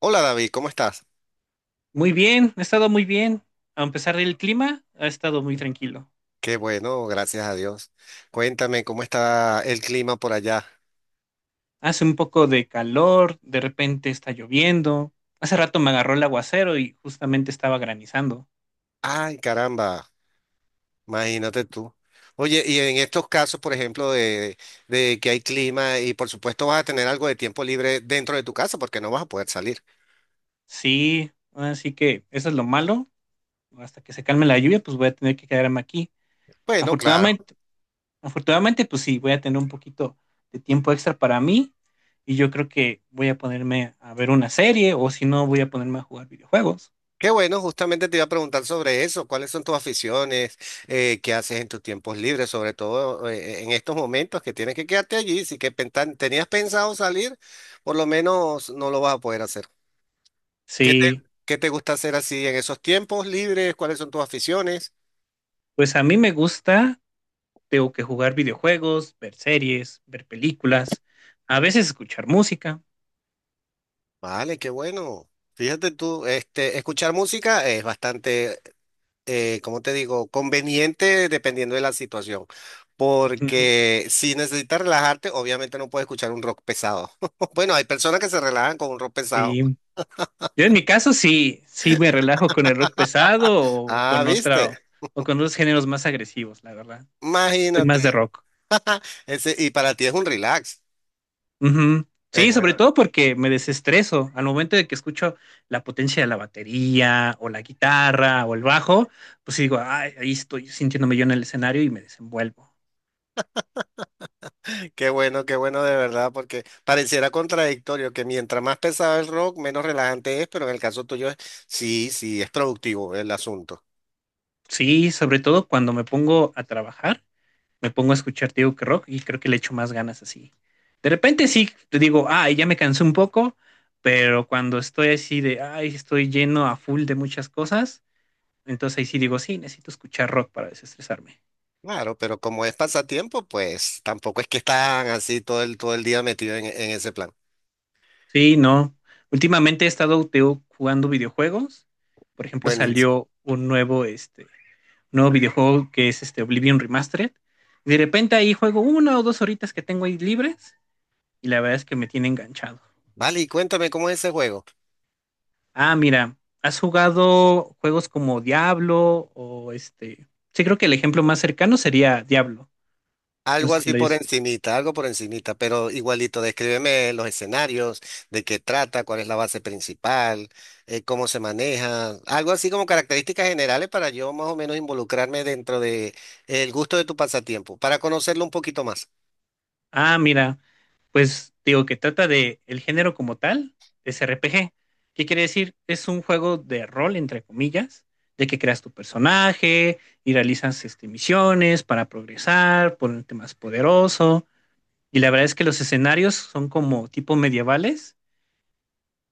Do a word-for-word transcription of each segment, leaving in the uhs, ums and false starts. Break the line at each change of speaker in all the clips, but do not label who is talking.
Hola David, ¿cómo estás?
Muy bien, ha estado muy bien. A pesar del clima, ha estado muy tranquilo.
Qué bueno, gracias a Dios. Cuéntame cómo está el clima por allá.
Hace un poco de calor, de repente está lloviendo. Hace rato me agarró el aguacero y justamente estaba granizando.
Ay, caramba, imagínate tú. Oye, y en estos casos, por ejemplo, de, de que hay clima y por supuesto vas a tener algo de tiempo libre dentro de tu casa porque no vas a poder salir.
Sí, así que eso es lo malo. Hasta que se calme la lluvia, pues voy a tener que quedarme aquí.
Bueno, claro.
Afortunadamente, afortunadamente, pues sí, voy a tener un poquito de tiempo extra para mí y yo creo que voy a ponerme a ver una serie o si no, voy a ponerme a jugar videojuegos.
Qué bueno, justamente te iba a preguntar sobre eso. ¿Cuáles son tus aficiones? Eh, ¿qué haces en tus tiempos libres? Sobre todo eh, en estos momentos que tienes que quedarte allí. Si que pentan- tenías pensado salir, por lo menos no lo vas a poder hacer. ¿Qué te,
Sí,
¿qué te gusta hacer así en esos tiempos libres? ¿Cuáles son tus aficiones?
pues a mí me gusta. Tengo que jugar videojuegos, ver series, ver películas, a veces escuchar música.
Vale, qué bueno. Fíjate tú, este, escuchar música es bastante, eh, ¿cómo te digo? Conveniente dependiendo de la situación.
Ujú.
Porque si necesitas relajarte, obviamente no puedes escuchar un rock pesado. Bueno, hay personas que se relajan con un rock pesado.
Sí. Yo en mi caso sí, sí me relajo con el rock pesado o
Ah,
con otra
¿viste?
o con otros géneros más agresivos, la verdad. Soy
Imagínate.
más de rock.
Ese, y para ti es un relax.
Ujú.
Es
Sí, sobre
bueno.
todo porque me desestreso al momento de que escucho la potencia de la batería o la guitarra o el bajo, pues digo, "Ay, ahí estoy sintiéndome yo en el escenario y me desenvuelvo."
Qué bueno, qué bueno de verdad, porque pareciera contradictorio que mientras más pesado el rock, menos relajante es, pero en el caso tuyo es, sí, sí, es productivo el asunto.
Sí, sobre todo cuando me pongo a trabajar me pongo a escuchar, te digo que rock y creo que le echo más ganas así. De repente sí, te digo, ay, ya me cansé un poco, pero cuando estoy así de, ay, estoy lleno a full de muchas cosas, entonces ahí sí digo, sí, necesito escuchar rock para desestresarme.
Claro, pero como es pasatiempo, pues tampoco es que están así todo el, todo el día metido en, en ese plan.
Sí, no. Últimamente he estado te digo, jugando videojuegos. Por ejemplo,
Buenísimo.
salió un nuevo, este, nuevo videojuego que es este Oblivion Remastered. De repente ahí juego una o dos horitas que tengo ahí libres y la verdad es que me tiene enganchado.
Vale, y cuéntame cómo es ese juego.
Ah, mira, ¿has jugado juegos como Diablo o este? Sí, creo que el ejemplo más cercano sería Diablo. No
Algo
sé si
así
lo
por
hayas escuchado.
encimita, algo por encimita, pero igualito, descríbeme los escenarios, de qué trata, cuál es la base principal, eh, cómo se maneja, algo así como características generales para yo más o menos involucrarme dentro de el gusto de tu pasatiempo, para conocerlo un poquito más.
Ah, mira, pues digo que trata de el género como tal, es R P G. ¿Qué quiere decir? Es un juego de rol, entre comillas, de que creas tu personaje y realizas este, misiones para progresar, ponerte más poderoso. Y la verdad es que los escenarios son como tipo medievales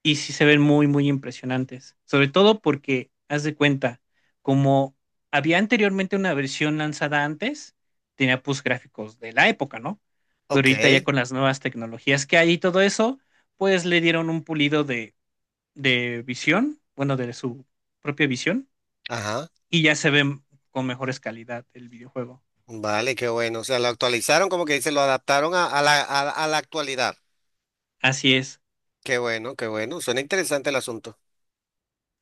y sí se ven muy, muy impresionantes. Sobre todo porque, haz de cuenta, como había anteriormente una versión lanzada antes, tenía pues gráficos de la época, ¿no? Pero
Ok,
ahorita ya con las nuevas tecnologías que hay y todo eso, pues le dieron un pulido de, de visión, bueno, de su propia visión,
ajá,
y ya se ven con mejores calidad el videojuego.
vale, qué bueno, o sea, lo actualizaron, como que dice, lo adaptaron a, a la, a a la actualidad.
Así es.
Qué bueno, qué bueno, suena interesante el asunto.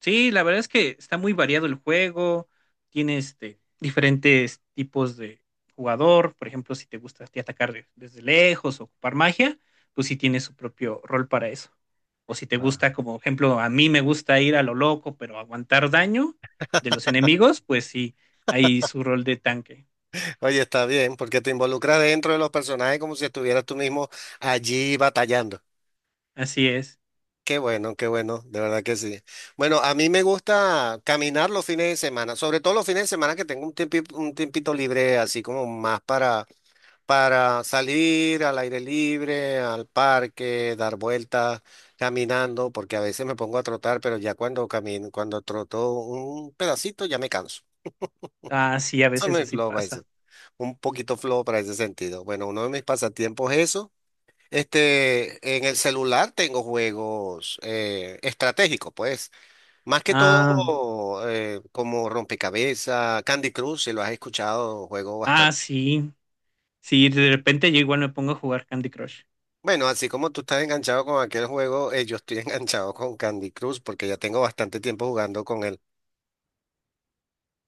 Sí, la verdad es que está muy variado el juego, tiene este, diferentes tipos de jugador. Por ejemplo, si te gusta a ti atacar de- desde lejos o ocupar magia, pues sí tiene su propio rol para eso. O si te gusta, como ejemplo, a mí me gusta ir a lo loco, pero aguantar daño de los enemigos, pues sí, hay su rol de tanque.
Oye, está bien, porque te involucras dentro de los personajes como si estuvieras tú mismo allí batallando.
Así es.
Qué bueno, qué bueno, de verdad que sí. Bueno, a mí me gusta caminar los fines de semana, sobre todo los fines de semana que tengo un tiempi- un tiempito libre, así como más para, para salir al aire libre, al parque, dar vueltas, caminando, porque a veces me pongo a trotar, pero ya cuando camino, cuando troto un pedacito ya me canso.
Ah, sí, a
Eso
veces
me
así
lo
pasa.
un poquito flojo para ese sentido. Bueno, uno de mis pasatiempos es eso. Este, en el celular tengo juegos eh, estratégicos, pues. Más que
Ah,
todo eh, como rompecabezas, Candy Crush, si lo has escuchado, juego
ah,
bastante.
sí. Sí, de repente yo igual me pongo a jugar Candy Crush.
Bueno, así como tú estás enganchado con aquel juego, eh, yo estoy enganchado con Candy Crush porque ya tengo bastante tiempo jugando con él.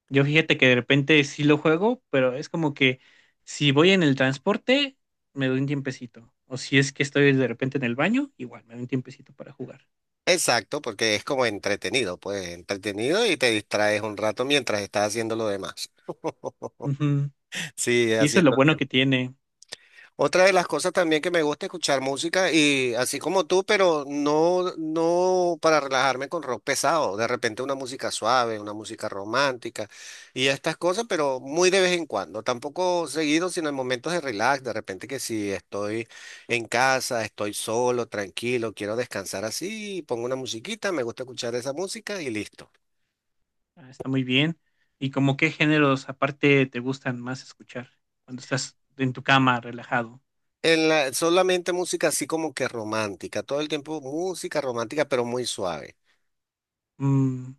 Yo fíjate que de repente sí lo juego, pero es como que si voy en el transporte, me doy un tiempecito. O si es que estoy de repente en el baño, igual me doy un tiempecito para jugar.
Exacto, porque es como entretenido, pues entretenido y te distraes un rato mientras estás haciendo lo demás.
Ujú.
Sí,
Sí, eso es lo
haciendo.
bueno que tiene.
Otra de las cosas también que me gusta escuchar música y así como tú, pero no, no para relajarme con rock pesado, de repente una música suave, una música romántica y estas cosas, pero muy de vez en cuando, tampoco seguido, sino en momentos de relax, de repente que si estoy en casa, estoy solo, tranquilo, quiero descansar así, pongo una musiquita, me gusta escuchar esa música y listo.
Ah, está muy bien. ¿Y como qué géneros aparte te gustan más escuchar cuando estás en tu cama relajado?
En la, solamente música así como que romántica, todo el tiempo música romántica, pero muy suave.
Mm,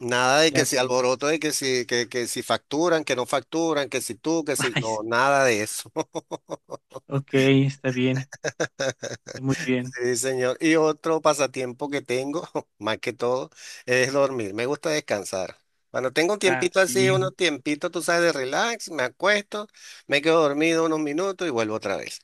Nada de que
ya
si
veo.
alboroto, de que si, que, que si facturan, que no facturan, que si tú, que si
Ay,
no,
sí.
nada de eso.
Ok, está bien. Está muy bien.
Sí, señor. Y otro pasatiempo que tengo, más que todo, es dormir. Me gusta descansar. Cuando tengo un
Ah,
tiempito así,
sí.
unos tiempitos, tú sabes, de relax, me acuesto, me quedo dormido unos minutos y vuelvo otra vez.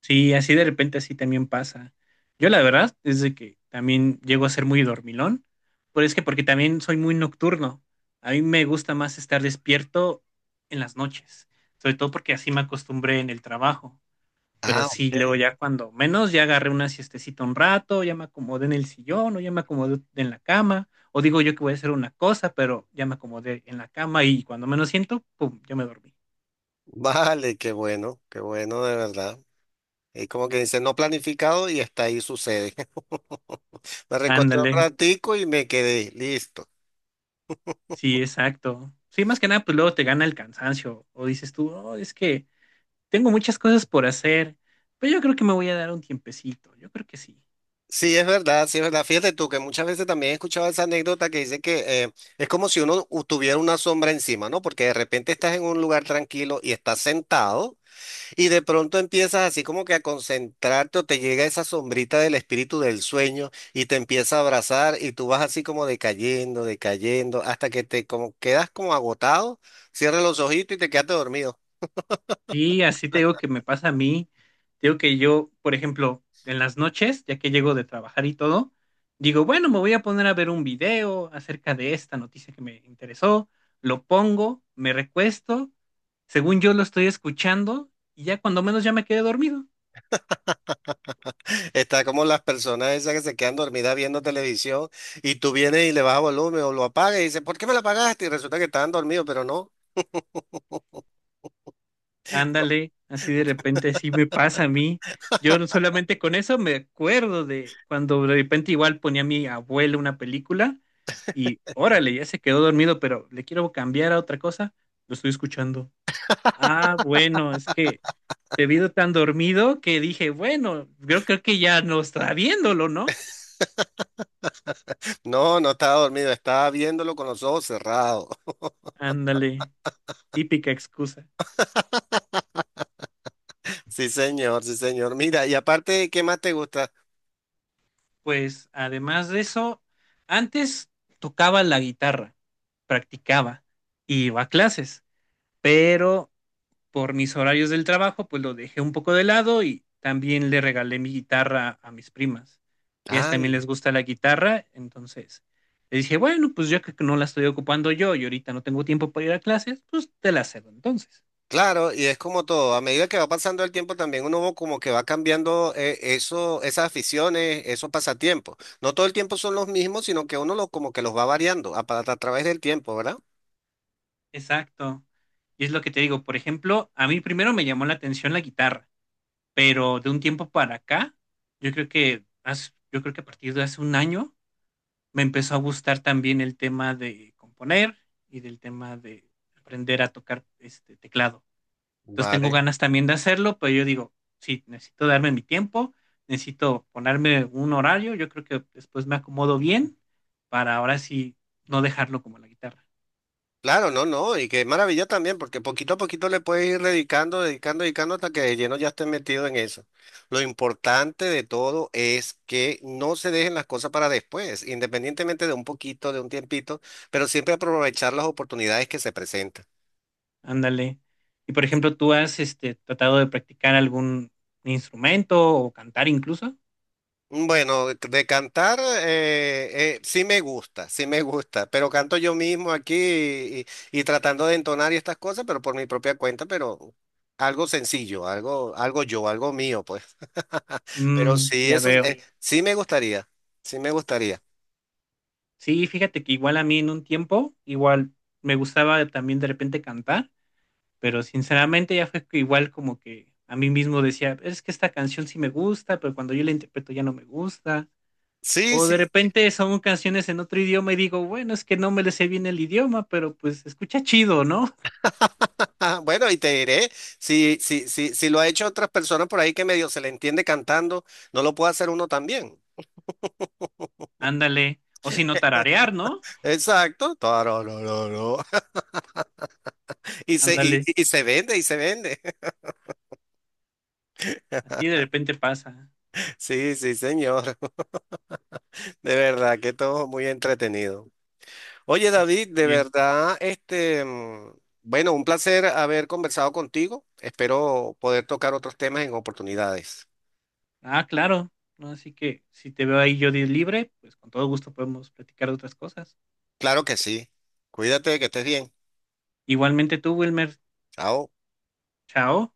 Sí, así de repente así también pasa. Yo la verdad es de que también llego a ser muy dormilón, pero es que porque también soy muy nocturno. A mí me gusta más estar despierto en las noches, sobre todo porque así me acostumbré en el trabajo. Pero
Ah,
sí,
ok.
luego ya cuando menos ya agarré una siestecita un rato, ya me acomodé en el sillón o ya me acomodé en la cama, o digo yo que voy a hacer una cosa, pero ya me acomodé en la cama y cuando menos siento, pum, ya me dormí.
Vale, qué bueno, qué bueno, de verdad. Es como que dice, no planificado y hasta ahí sucede. Me recosté un
Ándale.
ratico y me quedé listo.
Sí, exacto. Sí, más que nada, pues luego te gana el cansancio o dices tú, "Oh, es que tengo muchas cosas por hacer, pero yo creo que me voy a dar un tiempecito, yo creo que sí."
Sí, es verdad, sí, es verdad. Fíjate tú que muchas veces también he escuchado esa anécdota que dice que eh, es como si uno u- tuviera una sombra encima, ¿no? Porque de repente estás en un lugar tranquilo y estás sentado y de pronto empiezas así como que a concentrarte o te llega esa sombrita del espíritu del sueño y te empieza a abrazar y tú vas así como decayendo, decayendo, hasta que te como quedas como agotado, cierras los ojitos y te quedaste dormido.
Y así te digo que me pasa a mí, te digo que yo, por ejemplo, en las noches, ya que llego de trabajar y todo, digo, bueno, me voy a poner a ver un video acerca de esta noticia que me interesó, lo pongo, me recuesto, según yo lo estoy escuchando y ya cuando menos ya me quedé dormido.
Está como las personas esas que se quedan dormidas viendo televisión y tú vienes y le bajas volumen o lo apagas y dices, ¿por qué me la apagaste? Y resulta que estaban dormidos, pero no.
Ándale, así de repente así me pasa a mí. Yo no- Solamente con eso me acuerdo de cuando de repente igual ponía a mi abuelo una película y órale, ya se quedó dormido, pero le quiero cambiar a otra cosa, lo estoy escuchando. Ah, bueno, es que te vi tan dormido que dije, bueno, creo, creo que ya no está viéndolo, ¿no?
No, no estaba dormido, estaba viéndolo con los ojos cerrados.
Ándale, típica excusa.
Sí, señor, sí, señor. Mira, y aparte, ¿qué más te gusta?
Pues además de eso, antes tocaba la guitarra, practicaba, iba a clases. Pero por mis horarios del trabajo, pues lo dejé un poco de lado y también le regalé mi guitarra a mis primas. Ellas también les
Ay,
gusta la guitarra, entonces le dije, bueno, pues ya que no la estoy ocupando yo y ahorita no tengo tiempo para ir a clases, pues te la cedo entonces.
claro, y es como todo, a medida que va pasando el tiempo también uno va como que va cambiando eh, eso, esas aficiones, esos pasatiempos. No todo el tiempo son los mismos, sino que uno los como que los va variando a, pa- a través del tiempo, ¿verdad?
Exacto. Y es lo que te digo, por ejemplo, a mí primero me llamó la atención la guitarra, pero de un tiempo para acá, yo creo que, hace- yo creo que a partir de hace un año, me empezó a gustar también el tema de componer y del tema de aprender a tocar este teclado. Entonces tengo
Vale.
ganas también de hacerlo, pero yo digo, sí, necesito darme mi tiempo, necesito ponerme un horario, yo creo que después me acomodo bien para ahora sí no dejarlo como la guitarra.
Claro, no, no, y qué maravilla también, porque poquito a poquito le puedes ir dedicando, dedicando, dedicando hasta que de lleno ya estés metido en eso. Lo importante de todo es que no se dejen las cosas para después, independientemente de un poquito, de un tiempito, pero siempre aprovechar las oportunidades que se presentan.
Ándale. Y por ejemplo, ¿tú has este, tratado de practicar algún instrumento o cantar incluso?
Bueno, de de cantar eh, eh, sí me gusta, sí me gusta, pero canto yo mismo aquí y, y tratando de entonar y estas cosas, pero por mi propia cuenta, pero algo sencillo, algo, algo yo, algo mío, pues. Pero
Mm,
sí,
ya
eso
veo.
eh, sí me gustaría, sí me gustaría.
Sí, fíjate que igual a mí en un tiempo, igual me gustaba también de repente cantar, pero sinceramente ya fue que igual como que a mí mismo decía, es que esta canción sí me gusta, pero cuando yo la interpreto ya no me gusta.
Sí,
O
sí.
de repente son canciones en otro idioma y digo, bueno, es que no me le sé bien el idioma, pero pues se escucha chido, ¿no?
Ajá, bueno, y te diré, si, si, si, si lo ha hecho otras personas por ahí que medio se le entiende cantando, no lo puede hacer uno también.
Ándale. O si no tararear, ¿no?
Exacto. Tararararó. Y se, y,
Ándale.
y se vende, y se vende.
Así de repente pasa.
Sí, sí, señor. De verdad que todo muy entretenido. Oye,
Me parece
David, de
bien.
verdad, este, mm, bueno, un placer haber conversado contigo. Espero poder tocar otros temas en oportunidades.
Ah, claro. ¿No? Así que si te veo ahí yo di libre, pues con todo gusto podemos platicar de otras cosas.
Claro que sí. Cuídate, que estés bien.
Igualmente tú, Wilmer.
Chao.
Chao.